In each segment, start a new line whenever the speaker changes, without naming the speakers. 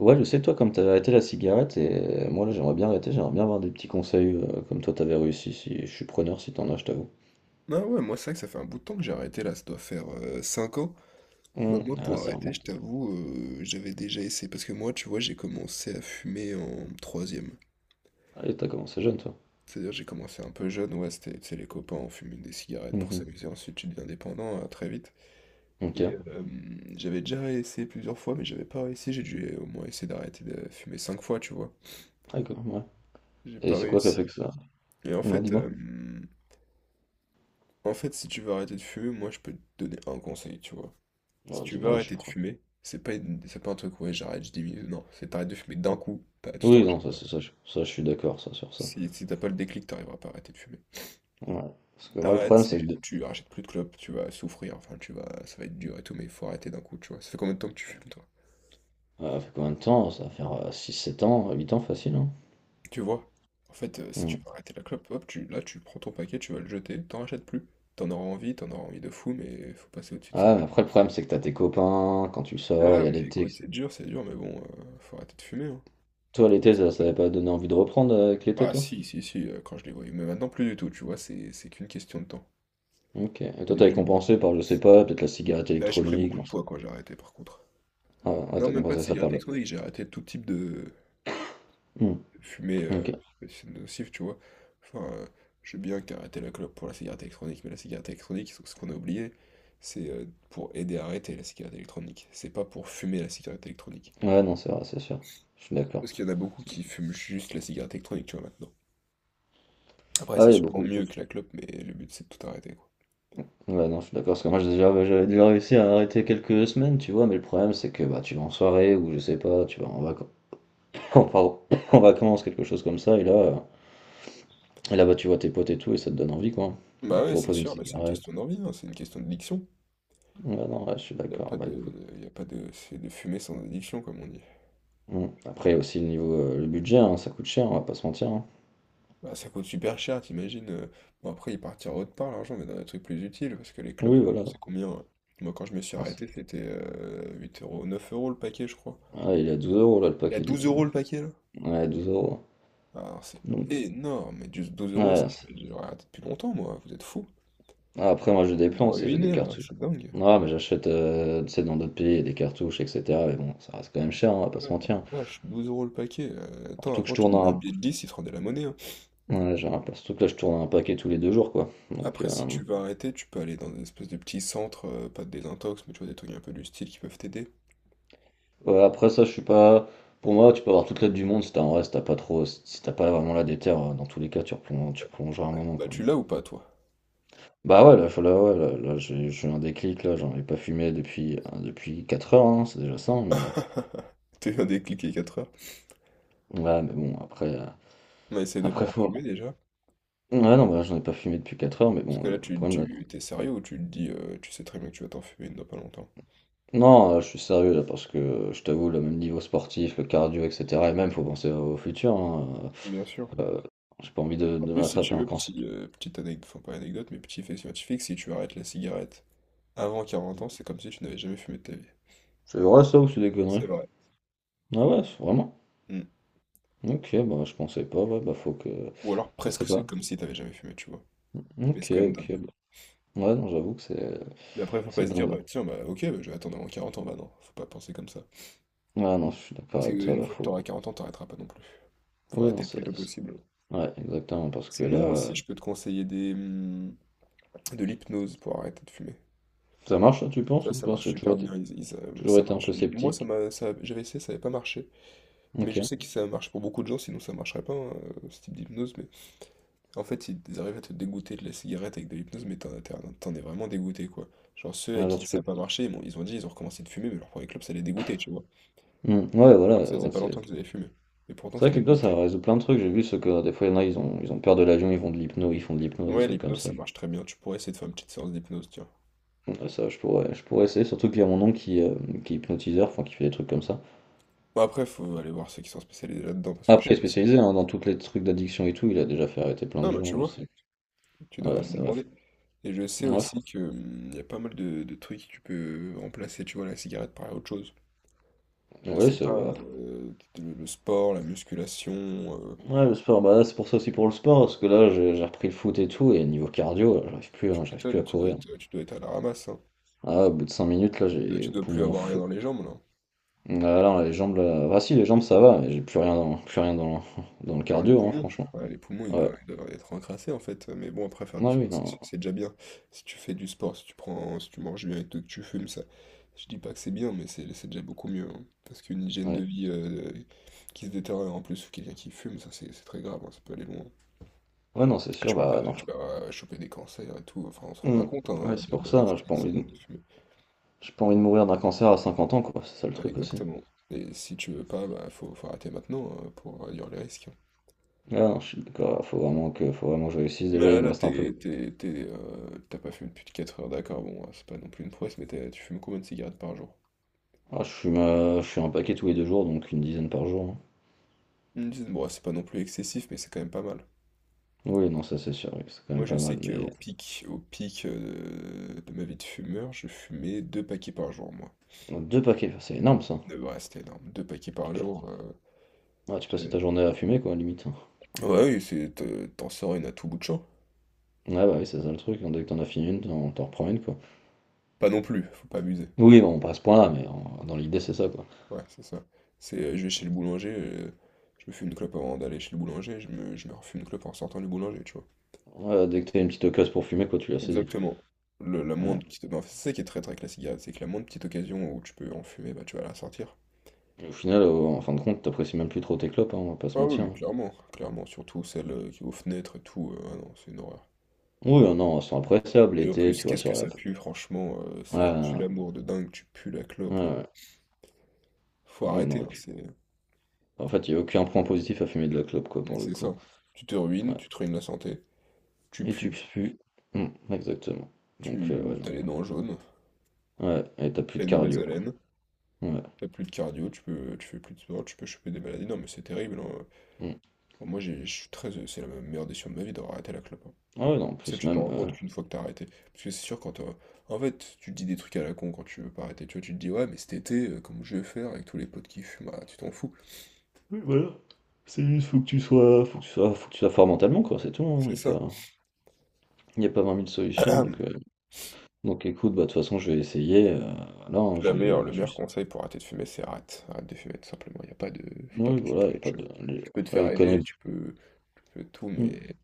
Ouais, je sais, toi, comme t'avais arrêté la cigarette, et moi, là, j'aimerais bien arrêter, j'aimerais bien avoir des petits conseils comme toi, t'avais réussi, si je suis preneur, si t'en as, je t'avoue.
Ah ouais, moi c'est vrai que ça fait un bout de temps que j'ai arrêté là, ça doit faire 5 ans. Bah moi
Ah,
pour
ça
arrêter, je
remonte.
t'avoue, j'avais déjà essayé, parce que moi tu vois, j'ai commencé à fumer en troisième.
Ah, et t'as commencé jeune, toi.
C'est-à-dire j'ai commencé un peu jeune, ouais, c'était, tu sais, les copains, on fumait des cigarettes pour
Mhm.
s'amuser, ensuite tu deviens dépendant très vite.
Ok,
Et euh, j'avais déjà essayé plusieurs fois, mais j'avais pas réussi, j'ai dû au moins essayer d'arrêter de fumer 5 fois, tu vois.
d'accord, ouais.
J'ai
Et
pas
c'est quoi qui a fait
réussi.
que ça?
Et en
Ouais,
fait,
dis-moi.
euh, en fait, si tu veux arrêter de fumer, moi je peux te donner un conseil, tu vois. Si
Oh,
tu veux
dis-moi, je suis
arrêter de
pro.
fumer, c'est pas, c'est pas un truc, ouais, j'arrête, je diminue. Non, c'est t'arrêtes de fumer d'un coup, tu t'en
Oui,
rachètes.
non, ça, c'est ça, je suis d'accord, ça, sur ça.
Si t'as pas le déclic, t'arriveras pas à arrêter de fumer.
Ouais. Parce que moi, le
T'arrêtes,
problème, c'est que je...
tu rachètes plus de clopes, tu vas souffrir, enfin, tu vas, ça va être dur et tout, mais il faut arrêter d'un coup, tu vois. Ça fait combien de temps que tu fumes, toi?
Ça fait combien de temps? Ça va faire 6-7 ans, 8 ans facile, hein?
Tu vois? Si
Mm.
tu veux arrêter la clope, hop, là, tu prends ton paquet, tu vas le jeter, t'en rachètes plus. T'en auras envie de fou, mais faut passer au-dessus de ça.
Ah, mais après, le problème, c'est que t'as tes copains, quand tu sors,
Ah,
il y a
mais
l'été,
écoute,
etc.
c'est dur, mais bon, faut arrêter de fumer, hein.
Toi, l'été, ça t'avait pas donné envie de reprendre avec l'été,
Ah
toi?
si, quand je les voyais. Mais maintenant, plus du tout, tu vois, c'est qu'une question de temps.
Ok. Et
Au
toi,
début,
t'avais
je me disais.
compensé par, je sais pas, peut-être la cigarette
Là, j'ai pris
électronique.
beaucoup
J'en
de
sais...
poids quand j'ai arrêté, par contre.
Ah, ouais,
Non,
t'as
même pas de
compensé ça par
cigarette
là.
électronique, j'ai arrêté tout type
Hmm,
de fumée
ok.
c'est nocif, tu vois. Enfin, je veux bien qu'arrêter la clope pour la cigarette électronique, mais la cigarette électronique, ce qu'on a oublié, c'est pour aider à arrêter la cigarette électronique. C'est pas pour fumer la cigarette électronique.
Ouais, non, c'est vrai, c'est sûr. Je suis d'accord.
Parce qu'il y en a beaucoup qui fument juste la cigarette électronique, tu vois, maintenant. Après,
Ah,
c'est
il y a
sûrement
beaucoup.
mieux que la clope, mais le but, c'est de tout arrêter, quoi.
Ouais, non, je suis d'accord. Parce que moi, j'ai déjà, bah, j'avais déjà réussi à arrêter quelques semaines, tu vois. Mais le problème, c'est que bah, tu vas en soirée ou je sais pas, tu vas en vacances. Pardon. En vacances, quelque chose comme ça. Et là bah, tu vois tes potes et tout, et ça te donne envie, quoi. Ils
Bah
te
ouais, c'est
proposent une
sûr, mais c'est une
cigarette.
question d'envie, hein, c'est une question de diction.
Ouais, non, ouais, je suis
Il n'y a pas
d'accord. Bah,
de,
écoute.
y a pas de, c'est de fumée sans addiction, comme on dit.
Hmm. Après, il y a aussi le niveau, le budget, hein, ça coûte cher, on va pas se mentir, hein.
Bah, ça coûte super cher, t'imagines. Bon, après, il partira autre part, l'argent, mais dans des trucs plus utiles, parce que les
Oui,
clopes, maintenant,
voilà.
c'est combien, hein? Moi, quand je me suis
Enfin,
arrêté, c'était 8 euros, 9 euros le paquet, je crois.
ah, il est à 12 euros là le
Il y a
paquet,
12
dis-toi.
euros le paquet, là.
Ouais, 12 euros.
Alors, c'est
Donc,
énorme, mais juste 12 euros, ça,
ouais,
je
c'est...
j'aurais raté depuis longtemps, moi, vous êtes fous.
ah, après, moi j'ai
Vous
des
me
plans, tu sais, j'ai des
ruinez, là,
cartouches.
c'est dingue.
Non, mais j'achète tu sais, dans d'autres pays des cartouches, etc. Mais bon, ça reste quand même cher, hein, on va
Ouais,
pas se mentir.
la vache, 12 euros le paquet. Attends,
Surtout que je
avant, tu
tourne
donnais un
un...
billet de 10, il te rendait la monnaie, hein.
ouais, surtout que là, je tourne un paquet tous les deux jours, quoi. Donc,
Après, si tu veux arrêter, tu peux aller dans une espèce de petit centre, pas de désintox, mais tu vois, des trucs un peu du style qui peuvent t'aider.
ouais, après ça, je suis pas. Pour moi, tu peux avoir toute l'aide du monde si t'as en reste, t'as pas trop. Si t'as pas vraiment la déter, dans tous les cas, tu replonges, tu replongeras un moment,
Bah,
quoi.
tu l'as ou pas, toi?
Bah ouais, là, là, ouais, là, là, j'ai eu un déclic, là, j'en ai pas fumé depuis, depuis 4 heures, hein, c'est déjà ça, mais.
T'as eu un déclic les 4 heures.
Ouais, mais bon, après,
On essaie de pas
après
en
faut.
fumer, déjà.
Ouais, non, bah, j'en ai pas fumé depuis 4 heures, mais
Parce
bon,
que là,
le problème là.
t'es sérieux ou tu te dis, tu sais très bien que tu vas t'en fumer dans pas longtemps.
Non, je suis sérieux là, parce que je t'avoue, le même niveau sportif, le cardio, etc. Et même, faut penser au futur, hein,
Bien sûr.
euh, euh, j'ai pas envie
En
de
plus, si
m'attraper
tu
un
veux,
cancer.
petite anecdote, enfin pas anecdote, mais petit fait scientifique, si tu arrêtes la cigarette avant 40 ans, c'est comme si tu n'avais jamais fumé de ta vie.
C'est vrai ça ou c'est des conneries?
C'est vrai.
Ah ouais, c'est... vraiment?
Mm.
Ok, bah je pensais pas, ouais, bah faut que.
Ou alors
Ça
presque
serait
c'est
pas.
comme si tu n'avais jamais fumé, tu vois. Mais c'est
Ok,
quand même
ok,
dingue.
bah. Ouais, non, j'avoue que
Mais après, faut pas
c'est
se dire,
dingue. Ouais,
bah tiens, bah ok, bah, je vais attendre avant 40 ans, bah non, faut pas penser comme ça.
ouais, non, je suis d'accord
Parce
avec toi,
qu'une
bah
fois que t'auras
faut.
auras 40 ans, t'arrêteras pas non plus. Faut
Oui, non,
arrêter le plus tôt
c'est. C'est...
possible.
ouais, exactement, parce que là,
Sinon aussi,
euh.
je peux te conseiller de l'hypnose pour arrêter de fumer.
Ça marche, ça, tu penses,
Ça,
ou
ça
pas? Parce
marche
que tu
super
vois,
bien.
toujours
Ça
été un
marche.
peu
Moi,
sceptique.
j'avais essayé, ça n'avait pas marché. Mais
Ok.
je sais que
Ouais,
ça marche pour beaucoup de gens, sinon ça marcherait pas, hein, ce type d'hypnose. Mais en fait, ils arrivent à te dégoûter de la cigarette avec de l'hypnose, mais t'en es vraiment dégoûté, quoi. Genre ceux à
genre,
qui
tu
ça
peux...
n'a pas marché, bon, ils ont recommencé de fumer, mais leur premier clope, ça les dégoûtait, tu vois.
Hmm, ouais,
Alors que ça
voilà.
faisait
Ouais,
pas longtemps qu'ils avaient fumé. Mais pourtant,
c'est vrai
ça
que
les
l'hypnose, ça
dégoûtait.
résout plein de trucs. J'ai vu ce que des fois, il y en a, ils ont peur de l'avion, ils vont de l'hypno, ils font de l'hypnose, des
Ouais,
trucs comme
l'hypnose,
ça.
ça marche très bien. Tu pourrais essayer de faire une petite séance d'hypnose, tiens.
Ouais, ça, je pourrais essayer. Surtout qu'il y a mon oncle qui est hypnotiseur, enfin, qui fait des trucs comme ça.
Bon, après, faut aller voir ceux qui sont spécialisés là-dedans, parce que je
Après,
sais
il est
pas
spécialisé hein, dans tous les trucs d'addiction et tout. Il a déjà fait arrêter plein de
ah, bah tu
gens, je
vois,
sais.
tu
Ouais,
devrais lui
ça va.
demander. Et je sais
Ouais,
aussi
franchement.
que y a pas mal de trucs que tu peux remplacer, tu vois, la cigarette par autre chose. Je
Ouais,
sais
c'est
pas,
ouais.
le sport, la musculation,
Ouais, le sport, bah là, c'est pour ça aussi pour le sport, parce que là, j'ai repris le foot et tout, et niveau cardio, là, j'arrive plus,
tu
hein, j'arrive plus
m'étonnes,
à courir.
tu dois être à la ramasse, hein.
Ah, au bout de 5 minutes, là, j'ai
Tu dois,
les
tu dois plus
poumons en...
avoir rien dans les jambes, là.
Ah non, les jambes là. Ah si, les jambes ça va, mais j'ai plus rien dans, dans le
Dans les
cardio, hein,
poumons.
franchement.
Ouais, les poumons, ils
Ouais.
doivent, ils doivent être encrassés, en fait. Mais bon, après, faire du
Ouais, oui,
sport, c'est
non.
c'est déjà bien. Si tu fais du sport, si tu manges bien et tout, que tu fumes, ça, je dis pas que c'est bien, mais c'est déjà beaucoup mieux, hein. Parce qu'une hygiène de
Ouais,
vie qui se détériore en plus, ou quelqu'un qui fume, ça, c'est très grave, hein, ça peut aller loin.
ouais non, c'est sûr, bah non.
Tu peux choper des cancers et tout, enfin, on se rend pas
Hmm.
compte, hein,
Ouais, c'est
le
pour
le
ça,
risque
hein, j'ai pas
que ça
envie de...
donne de fumer.
j'ai pas envie de mourir d'un cancer à 50 ans, quoi, c'est ça le truc aussi.
Exactement. Et si tu veux pas, bah, faut arrêter maintenant hein, pour réduire les risques.
Ah non, je suis d'accord, faut vraiment que je réussisse.
Mais
Déjà,
là,
il me
là,
reste un peu.
t'es, t'es- t'as pas fumé plus de 4 heures, d'accord, bon, c'est pas non plus une prouesse, mais tu fumes combien de cigarettes par jour?
Ah, je fume un paquet tous les deux jours, donc une dizaine par jour, hein.
Ils me disent, bon, c'est pas non plus excessif, mais c'est quand même pas mal.
Oui, non, ça c'est sûr, oui, c'est quand
Moi,
même
je
pas mal,
sais qu'au
mais.
pic, au pic euh, de ma vie de fumeur, je fumais 2 paquets par jour, moi.
2 paquets, c'est énorme ça.
De vrai, c'était énorme. Deux paquets
Tu
par
peux...
jour,
ouais, tu passes
j'avais...
ta journée à fumer, quoi, limite, hein.
Ouais, oui, c'est, t'en sors une à tout bout de champ.
Ouais, bah oui, c'est ça le truc, hein, dès que t'en as fini une, t'en reprends une, quoi.
Pas non plus, faut pas abuser.
Oui, bon, pas à ce point-là, dans l'idée, c'est ça, quoi.
Ouais, c'est ça. Je vais chez le boulanger, je me fume une clope avant d'aller chez le boulanger, je me refume une clope en sortant du boulanger, tu vois.
Ouais, dès que t'as une petite occasion pour fumer, quoi, tu la saisis.
Exactement. La
Ouais.
moindre petite... ben, c'est ça qui est très très avec la cigarette, c'est que la moindre petite occasion où tu peux en fumer, bah tu vas la sortir.
Et au final, en fin de compte, t'apprécies même plus trop tes clopes, hein, on va pas se
Ah oui,
mentir,
mais
hein.
clairement, clairement, surtout celle qui est aux fenêtres et tout, ah non, c'est une horreur.
Oui, non, elles sont appréciables
Et en
l'été,
plus,
tu vois,
qu'est-ce que
sur la...
ça pue, franchement, c'est un
Ouais,
tue-l'amour de dingue, tu pues la
ouais,
clope. euh.
ouais.
Faut
Ouais, ouais,
arrêter,
non, et
hein,
puis...
c'est
en fait, il n'y a aucun point positif à fumer de la clope, quoi, pour le
c'est
coup.
ça. Tu te ruines,
Ouais.
tu te ruines la santé, tu
Et tu
pues,
pues. Hmm, exactement. Donc,
tu
ouais, non.
t'as les dents jaunes,
Ouais, et t'as plus
t'as
de
une mauvaise
cardio.
haleine.
Ouais.
T'as plus de cardio, tu fais plus de sport, tu peux choper des maladies. Non, mais c'est terrible, hein.
Hmm.
Bon, Moi, j'ai, je suis très, c'est la meilleure décision de ma vie d'avoir arrêté la clope, hein.
Ah ouais, non, en
Ça,
plus,
tu te
même...
rends compte
euh.
qu'une fois que t'as arrêté. Parce que c'est sûr, quand t'as- En fait, tu te dis des trucs à la con quand tu veux pas arrêter. Tu vois, tu te dis, ouais, mais cet été, comme je vais faire avec tous les potes qui fument, ah, tu t'en fous.
Oui, voilà. C'est juste, faut que tu sois... faut que tu sois, faut que tu sois fort mentalement, quoi, c'est tout, hein, y
C'est
a
ça.
pas... Il y a pas 20 000 solutions, donc écoute, bah, de toute façon, je vais essayer, voilà, hein,
Le
je me
meilleur
suis
conseil pour arrêter de fumer, c'est arrête. Arrête de fumer, tout simplement. Il a pas de. Faut pas
oui,
passer
voilà,
par
il y a
mille
pas de
chevaux.
les
Tu peux te
après
faire
les conneries
aider,
de
tu peux tout,
mmh,
mais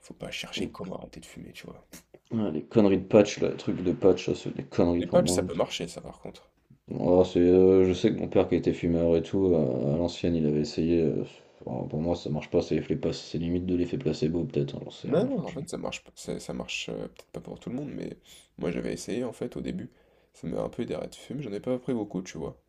faut pas chercher
les
comment arrêter de fumer, tu vois.
ouais, les conneries de patch, là, les trucs de patch, ça, c'est des conneries
Les
pour
patchs, ça
moi.
peut marcher, ça, par contre.
Oh, c'est, je sais que mon père qui était fumeur et tout, à l'ancienne, il avait essayé, oh, pour moi, ça marche pas, c'est l'effet pas c'est limite de l'effet placebo peut-être, hein, j'en sais
Non,
rien
non, en
franchement.
fait, ça marche peut-être pas pour tout le monde, mais moi j'avais essayé en fait au début. Ça m'avait un peu aidé à arrêter de fumer, j'en ai pas pris beaucoup, tu vois.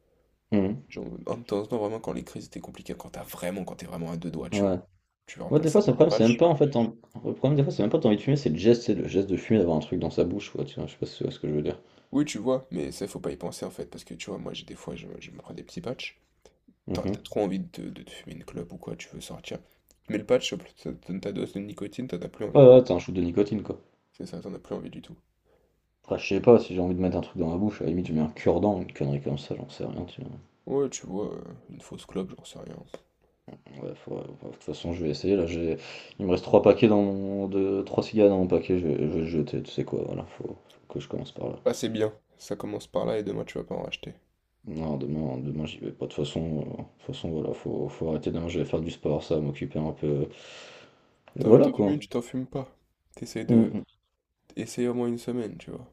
Mmh.
Genre, un de temps en temps, vraiment, quand les crises étaient compliquées, quand t'es vraiment à deux doigts, tu
Ouais.
vois. Tu
Ouais, des
remplaces
fois,
ça
c'est le
par un
problème, c'est même
patch.
pas, en fait, en le problème, des fois, c'est même pas tu envie de fumer, c'est le geste de fumer, d'avoir un truc dans sa bouche, quoi, tu vois? Je sais pas si tu vois ce que je veux dire?
Oui, tu vois, mais ça, faut pas y penser en fait, parce que tu vois, moi j'ai des fois, je me prends des petits patchs. T'as
Mmh.
t'as trop envie de, te fumer une clope ou quoi, tu veux sortir. Mais le patch, ça te donne ta dose de nicotine, t'en as plus
Ouais,
envie.
ouais, t'as un shoot de nicotine, quoi.
C'est ça, t'en as plus envie du tout.
Après, je sais pas, si j'ai envie de mettre un truc dans ma bouche, à la limite, je mets un cure-dent, une connerie comme ça, j'en sais rien, tu vois.
Ouais, tu vois, euh, une fausse clope, j'en sais rien.
Ouais, ouais, de toute façon, je vais essayer, là, j'ai... Il me reste 3 paquets dans mon... de... 3 cigares dans mon paquet, je vais le jeter, tu sais quoi, voilà, faut... faut que je commence par là.
Ah, c'est bien. Ça commence par là et demain tu vas pas en racheter.
Non, demain, demain, j'y vais pas, de toute façon, voilà, faut... faut arrêter, demain, je vais faire du sport, ça, va m'occuper un peu... Et
T'as envie de
voilà,
t'en fumer,
quoi.
une, tu t'en fumes pas. T'essayes de...
Mm,
Essaye au moins une semaine, tu vois.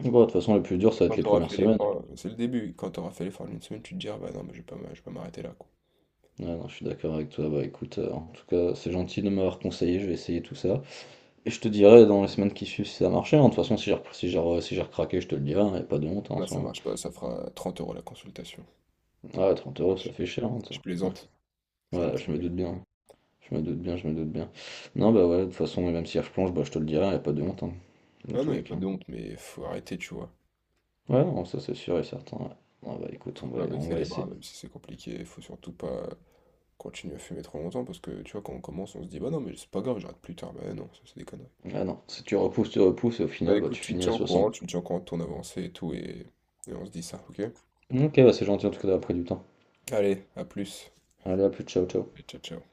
mm. Bon, de toute façon, le plus dur,
Et
ça va
quand
être les
t'auras
premières
fait
semaines.
l'effort, c'est le début. Quand t'auras fait l'effort d'une semaine, tu te diras, bah non, mais je vais pas m'arrêter là, quoi.
Ouais, non, je suis d'accord avec toi, bah écoute, en tout cas, c'est gentil de m'avoir conseillé, je vais essayer tout ça. Et je te dirai dans les semaines qui suivent si ça a marché, hein. De toute façon, si j'ai recraqué, je te le dirai, il a pas de honte hein, en
Là, ça
soi.
marche pas, ça fera 30 euros la consultation.
Ouais, 30
Ouais,
euros,
je,
ça fait
je-
cher, hein, ça.
je
Ouais.
plaisante. C'est une
Ouais,
petite
je me
blague.
doute bien. Je me doute bien, je me doute bien. Non, bah ouais, de toute façon, même si elle replonge, bah, je te le dirai, il a pas de honte, hein, dans
Ah
tous
non, y a
les
pas
cas.
de honte, mais faut arrêter, tu vois.
Ouais, non, ça c'est sûr et certain, ouais. Ah bah écoute,
Faut pas
on
baisser
va
les bras,
essayer.
même si c'est compliqué. Faut surtout pas continuer à fumer trop longtemps, parce que, tu vois, quand on commence, on se dit, bah non, mais c'est pas grave, j'arrête plus tard. Bah non, ça c'est des conneries.
Ah non, si tu repousses, tu repousses, et au
Bah
final, bah,
écoute,
tu finis à 60.
tu me tiens au courant de ton avancée et tout, et on se dit ça, ok?
Ok, bah c'est gentil en tout cas d'avoir pris du temps.
Allez, à plus.
Allez, à plus, ciao, ciao.
Et ciao, ciao.